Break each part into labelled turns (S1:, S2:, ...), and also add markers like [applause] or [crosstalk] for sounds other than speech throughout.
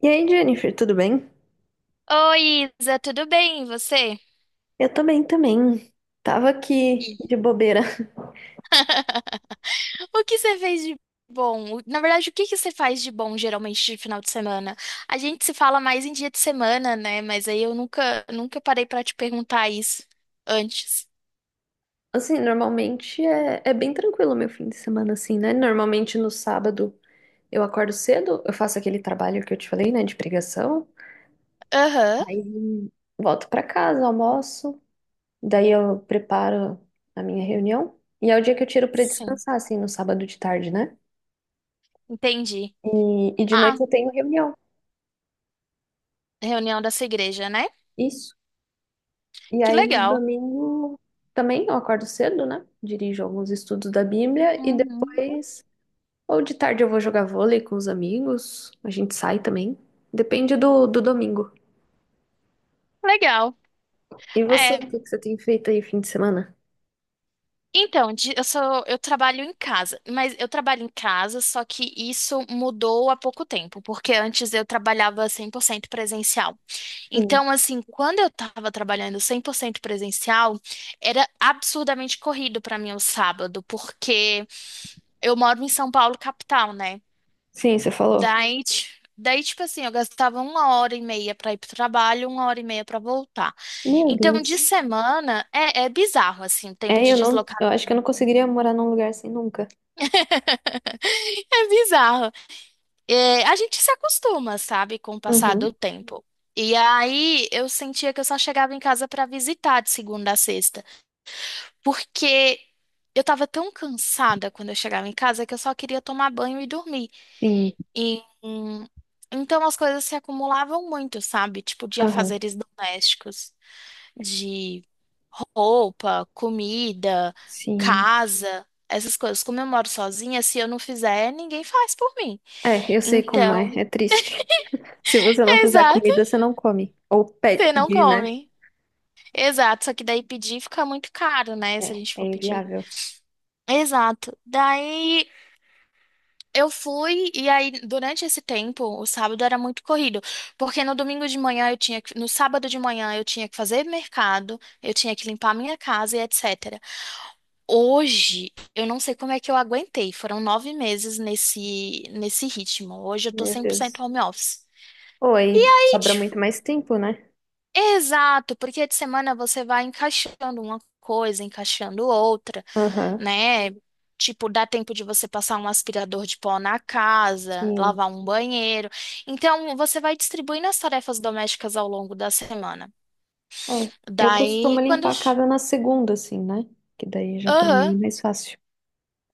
S1: E aí, Jennifer, tudo bem?
S2: Oi, Isa, tudo bem? E você?
S1: Eu tô bem também. Tava aqui de bobeira. [laughs]
S2: [laughs] E, o que você fez de bom? Na verdade, o que que você faz de bom geralmente de final de semana? A gente se fala mais em dia de semana, né? Mas aí eu nunca parei pra te perguntar isso antes.
S1: Assim, normalmente é bem tranquilo meu fim de semana, assim, né? Normalmente no sábado eu acordo cedo, eu faço aquele trabalho que eu te falei, né, de pregação.
S2: Aham,
S1: Aí volto pra casa, almoço, daí eu preparo a minha reunião. E é o dia que eu tiro pra
S2: sim,
S1: descansar, assim, no sábado de tarde, né?
S2: entendi.
S1: E de noite
S2: Ah,
S1: eu tenho reunião.
S2: reunião dessa igreja, né?
S1: Isso. E
S2: Que
S1: aí no
S2: legal.
S1: domingo também eu acordo cedo, né? Dirijo alguns estudos da Bíblia e
S2: Uhum,
S1: depois, ou de tarde eu vou jogar vôlei com os amigos, a gente sai também. Depende do domingo.
S2: legal.
S1: E você,
S2: É.
S1: o que que você tem feito aí fim de semana?
S2: Então, eu sou, eu trabalho em casa, mas eu trabalho em casa, só que isso mudou há pouco tempo, porque antes eu trabalhava 100% presencial.
S1: Sim.
S2: Então, assim, quando eu estava trabalhando 100% presencial, era absurdamente corrido para mim o sábado, porque eu moro em São Paulo, capital, né?
S1: Sim, você falou.
S2: Daí, daí, tipo assim, eu gastava uma hora e meia para ir pro trabalho, uma hora e meia para voltar.
S1: Meu
S2: Então, de
S1: Deus.
S2: semana, é bizarro, assim, o tempo
S1: É,
S2: de…
S1: eu acho que eu não conseguiria morar num lugar assim nunca.
S2: [laughs] É bizarro. É, a gente se acostuma, sabe, com o passar do
S1: Uhum.
S2: tempo. E aí eu sentia que eu só chegava em casa pra visitar de segunda a sexta, porque eu tava tão cansada quando eu chegava em casa que eu só queria tomar banho e dormir.
S1: Sim.
S2: E, então as coisas se acumulavam muito, sabe? Tipo de
S1: Aham.
S2: afazeres domésticos, de roupa, comida,
S1: Sim.
S2: casa, essas coisas. Como eu moro sozinha, se eu não fizer, ninguém faz por mim.
S1: É, eu sei como
S2: Então,
S1: é, é triste. Se você não fizer
S2: exato,
S1: comida, você não come. Ou
S2: você não
S1: pedir, né?
S2: come. Exato, só que daí pedir fica muito caro, né?
S1: É,
S2: Se a gente
S1: é
S2: for pedir.
S1: inviável.
S2: Exato. Daí eu fui e aí durante esse tempo, o sábado era muito corrido, porque no domingo de manhã eu tinha que, no sábado de manhã eu tinha que fazer mercado, eu tinha que limpar minha casa e etc. Hoje, eu não sei como é que eu aguentei. Foram nove meses nesse ritmo. Hoje eu tô
S1: Meu
S2: 100%
S1: Deus.
S2: home office.
S1: Oi, sobra muito mais tempo, né?
S2: Exato, porque de semana você vai encaixando uma coisa, encaixando outra,
S1: Aham,
S2: né? Tipo, dá tempo de você passar um aspirador de pó na casa,
S1: sim.
S2: lavar um banheiro. Então, você vai distribuindo as tarefas domésticas ao longo da semana.
S1: É, eu costumo
S2: Daí, quando…
S1: limpar a casa na segunda, assim, né? Que daí já pra mim
S2: Aham.
S1: é mais fácil.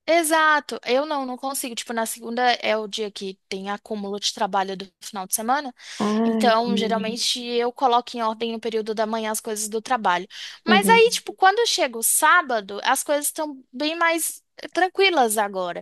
S2: Exato. Eu não consigo. Tipo, na segunda é o dia que tem acúmulo de trabalho do final de semana.
S1: Ah,
S2: Então,
S1: entendi.
S2: geralmente eu coloco em ordem no período da manhã as coisas do trabalho. Mas aí,
S1: Uhum,
S2: tipo, quando chega o sábado, as coisas estão bem mais tranquilas agora.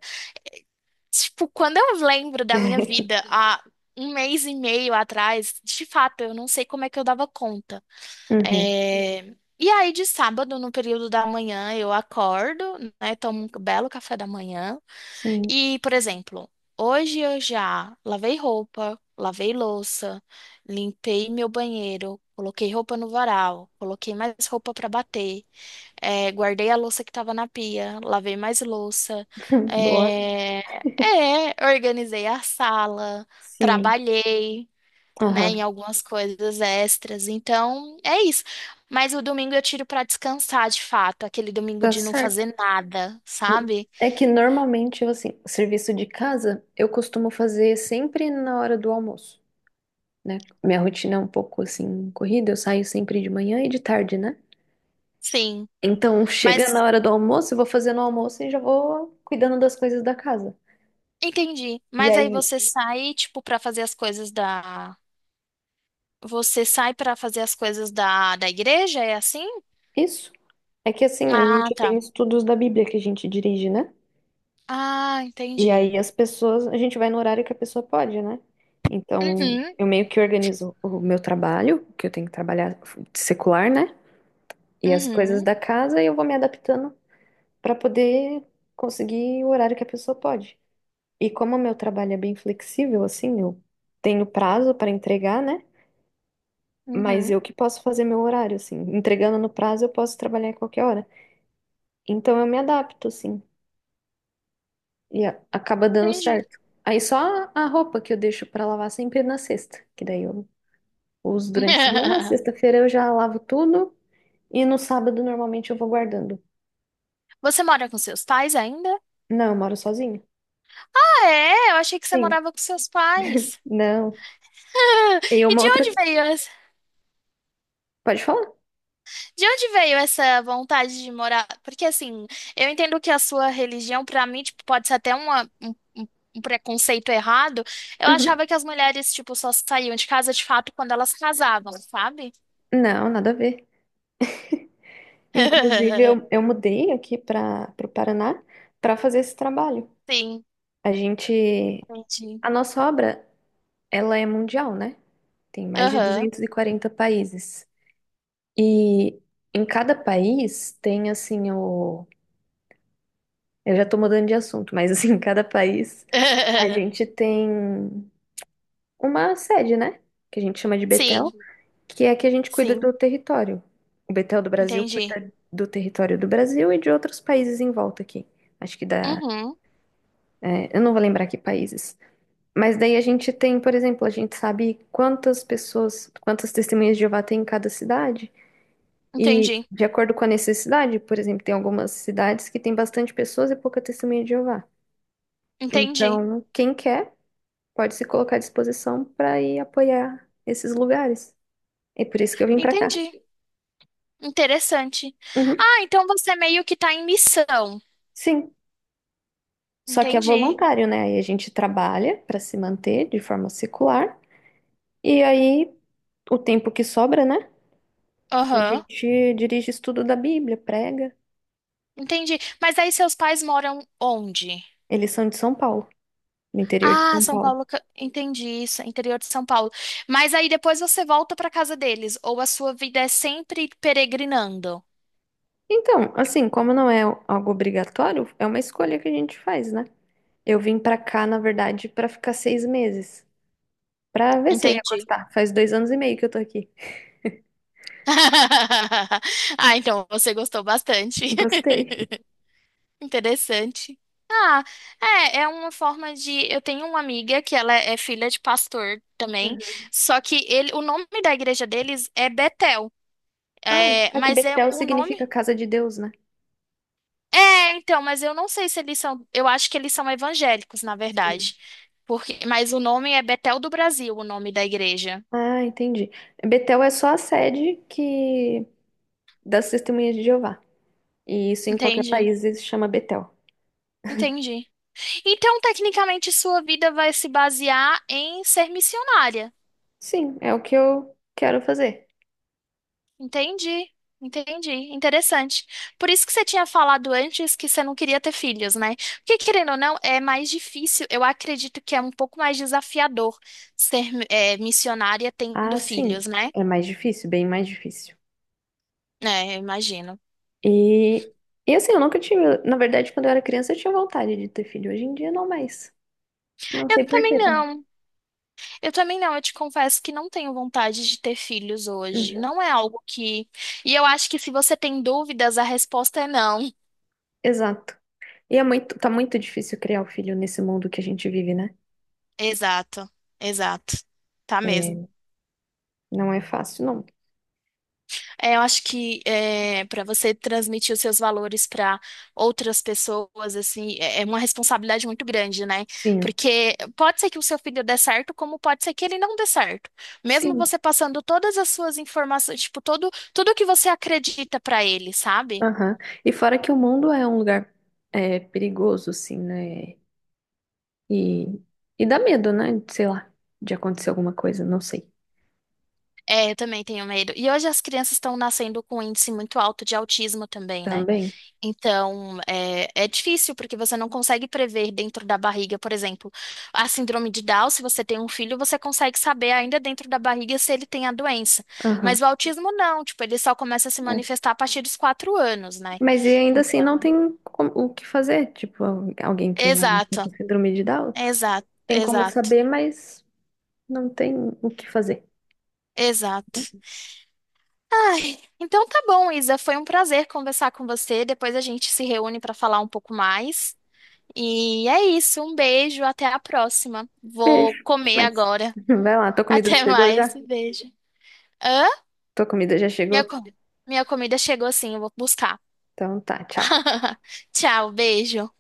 S2: Tipo, quando eu lembro da minha vida há um mês e meio atrás, de fato, eu não sei como é que eu dava conta.
S1: uhum,
S2: É, e aí, de sábado, no período da manhã, eu acordo, né? Tomo um belo café da manhã.
S1: sim.
S2: E, por exemplo, hoje eu já lavei roupa, lavei louça, limpei meu banheiro, coloquei roupa no varal, coloquei mais roupa para bater, guardei a louça que estava na pia, lavei mais louça,
S1: [laughs] Boa.
S2: eh, organizei a sala,
S1: Sim.
S2: trabalhei. Né, em
S1: Aham,
S2: algumas coisas extras. Então, é isso. Mas o domingo eu tiro para descansar de fato, aquele domingo
S1: tá
S2: de não
S1: certo.
S2: fazer nada, sabe?
S1: É que normalmente, eu, assim, serviço de casa eu costumo fazer sempre na hora do almoço, né? Minha rotina é um pouco, assim, corrida. Eu saio sempre de manhã e de tarde, né?
S2: Sim.
S1: Então, chega na
S2: Mas
S1: hora do almoço, eu vou fazendo o almoço e já vou cuidando das coisas da casa.
S2: entendi.
S1: E
S2: Mas
S1: aí,
S2: aí você sai, tipo, pra fazer as coisas da… Você sai pra fazer as coisas da, da igreja? É assim?
S1: isso é que assim, a
S2: Ah,
S1: gente
S2: tá.
S1: tem estudos da Bíblia que a gente dirige, né?
S2: Ah,
S1: E
S2: entendi.
S1: aí as pessoas, a gente vai no horário que a pessoa pode, né? Então,
S2: Uhum,
S1: eu meio que organizo o meu trabalho, que eu tenho que trabalhar secular, né? E as coisas
S2: uhum,
S1: da casa, e eu vou me adaptando para poder conseguir o horário que a pessoa pode. E como o meu trabalho é bem flexível, assim, eu tenho prazo para entregar, né? Mas
S2: uhum.
S1: eu que posso fazer meu horário, assim. Entregando no prazo, eu posso trabalhar a qualquer hora. Então eu me adapto, assim. E acaba dando
S2: Entendi.
S1: certo. Aí só a roupa que eu deixo pra lavar sempre na sexta, que daí eu uso durante a semana. Na
S2: [laughs]
S1: sexta-feira eu já lavo tudo e no sábado normalmente eu vou guardando.
S2: Você mora com seus pais ainda?
S1: Não, eu moro sozinha.
S2: Ah, é? Eu achei que você
S1: Sim,
S2: morava com seus pais.
S1: não.
S2: [laughs]
S1: E
S2: E
S1: uma
S2: de
S1: outra.
S2: onde veio…
S1: Pode falar?
S2: De onde veio essa vontade de morar? Porque assim, eu entendo que a sua religião, pra mim, tipo, pode ser até um, um preconceito errado. Eu
S1: Uhum.
S2: achava que as mulheres, tipo, só saíam de casa de fato quando elas casavam, sabe?
S1: Não, nada a ver. Inclusive,
S2: [laughs]
S1: eu mudei aqui para o Paraná para fazer esse trabalho.
S2: Sim,
S1: A gente.
S2: entendi.
S1: A nossa obra. Ela é mundial, né? Tem mais de
S2: Aham.
S1: 240 países. E em cada país tem assim o. Eu já tô mudando de assunto, mas assim, [laughs] em cada país a
S2: [laughs]
S1: gente tem uma sede, né? Que a gente chama de
S2: Sim,
S1: Betel, que é a que a gente cuida
S2: sim,
S1: do território. O Betel do Brasil
S2: entendi.
S1: cuida do território do Brasil e de outros países em volta aqui. Acho que dá.
S2: Uhum,
S1: É, eu não vou lembrar que países. Mas daí a gente tem, por exemplo, a gente sabe quantas pessoas, quantas testemunhas de Jeová tem em cada cidade. E
S2: entendi,
S1: de acordo com a necessidade, por exemplo, tem algumas cidades que tem bastante pessoas e pouca testemunha de Jeová.
S2: entendi,
S1: Então, quem quer pode se colocar à disposição para ir apoiar esses lugares. É por isso que eu vim para cá.
S2: entendi. Interessante.
S1: Uhum,
S2: Ah, então você meio que tá em missão.
S1: sim. Só que é
S2: Entendi.
S1: voluntário, né? Aí a gente trabalha para se manter de forma secular. E aí, o tempo que sobra, né? A
S2: Aham.
S1: gente dirige estudo da Bíblia, prega.
S2: Entendi. Mas aí seus pais moram onde?
S1: Eles são de São Paulo, do interior de
S2: Ah,
S1: São
S2: São
S1: Paulo.
S2: Paulo. Entendi isso, interior de São Paulo. Mas aí depois você volta para casa deles, ou a sua vida é sempre peregrinando.
S1: Então, assim, como não é algo obrigatório, é uma escolha que a gente faz, né? Eu vim pra cá, na verdade, pra ficar 6 meses, pra ver se eu ia
S2: Entendi.
S1: gostar. Faz 2 anos e meio que eu tô aqui.
S2: [laughs] Ah, então você gostou bastante. [laughs]
S1: Gostei.
S2: Interessante. Ah, é, é uma forma de… Eu tenho uma amiga que ela é filha de pastor também,
S1: Uhum.
S2: só que ele, o nome da igreja deles é Betel.
S1: Ah,
S2: É,
S1: aqui
S2: mas é
S1: Betel
S2: o
S1: significa
S2: nome…
S1: casa de Deus, né?
S2: É, então, mas eu não sei se eles são. Eu acho que eles são evangélicos, na
S1: Sim.
S2: verdade. Porque, mas o nome é Betel do Brasil, o nome da igreja.
S1: Ah, entendi. Betel é só a sede que das Testemunhas de Jeová. E isso em qualquer
S2: Entendi,
S1: país se chama Betel.
S2: entendi. Então, tecnicamente, sua vida vai se basear em ser missionária.
S1: Sim, é o que eu quero fazer.
S2: Entendi, entendi. Interessante. Por isso que você tinha falado antes que você não queria ter filhos, né? Porque, querendo ou não, é mais difícil. Eu acredito que é um pouco mais desafiador ser, missionária tendo
S1: Ah, sim.
S2: filhos, né?
S1: É mais difícil, bem mais difícil.
S2: É, eu imagino.
S1: E, e assim, eu nunca tive. Na verdade, quando eu era criança, eu tinha vontade de ter filho. Hoje em dia, não mais. Não
S2: Eu
S1: sei por
S2: também
S1: quê também.
S2: não. Eu também não. Eu te confesso que não tenho vontade de ter filhos hoje.
S1: Uhum.
S2: Não é algo que… E eu acho que se você tem dúvidas, a resposta é não.
S1: Exato. E é muito, tá muito difícil criar o filho nesse mundo que a gente vive, né?
S2: Exato, exato. Tá mesmo.
S1: É, não é fácil, não.
S2: É, eu acho que é, para você transmitir os seus valores para outras pessoas, assim, é é uma responsabilidade muito grande, né?
S1: Sim,
S2: Porque pode ser que o seu filho dê certo, como pode ser que ele não dê certo. Mesmo
S1: sim.
S2: você passando todas as suas informações, tipo, todo, tudo que você acredita para ele, sabe?
S1: Aham. E fora que o mundo é um lugar é, perigoso, assim, né? E, e dá medo, né? Sei lá, de acontecer alguma coisa, não sei.
S2: É, eu também tenho medo. E hoje as crianças estão nascendo com um índice muito alto de autismo também, né?
S1: Também?
S2: Então, é, é difícil, porque você não consegue prever dentro da barriga, por exemplo, a síndrome de Down, se você tem um filho, você consegue saber ainda dentro da barriga se ele tem a doença.
S1: Aham.
S2: Mas o autismo não, tipo, ele só começa a se manifestar a partir dos quatro anos, né?
S1: Mas e ainda assim não
S2: Então,
S1: tem o que fazer. Tipo, alguém que vai nascer
S2: exato,
S1: com síndrome de Down
S2: exato,
S1: tem como
S2: exato.
S1: saber, mas não tem o que fazer.
S2: Exato.
S1: Né?
S2: Ai, então tá bom, Isa. Foi um prazer conversar com você. Depois a gente se reúne para falar um pouco mais. E é isso, um beijo, até a próxima. Vou
S1: Beijo, até
S2: comer
S1: mais.
S2: agora.
S1: [laughs] Vai lá, tua
S2: [laughs]
S1: comida
S2: Até
S1: chegou
S2: mais,
S1: já?
S2: um beijo. Hã?
S1: Tua comida já
S2: Minha,
S1: chegou?
S2: minha comida chegou sim, eu vou buscar.
S1: Então tá, tchau.
S2: [laughs] Tchau, beijo.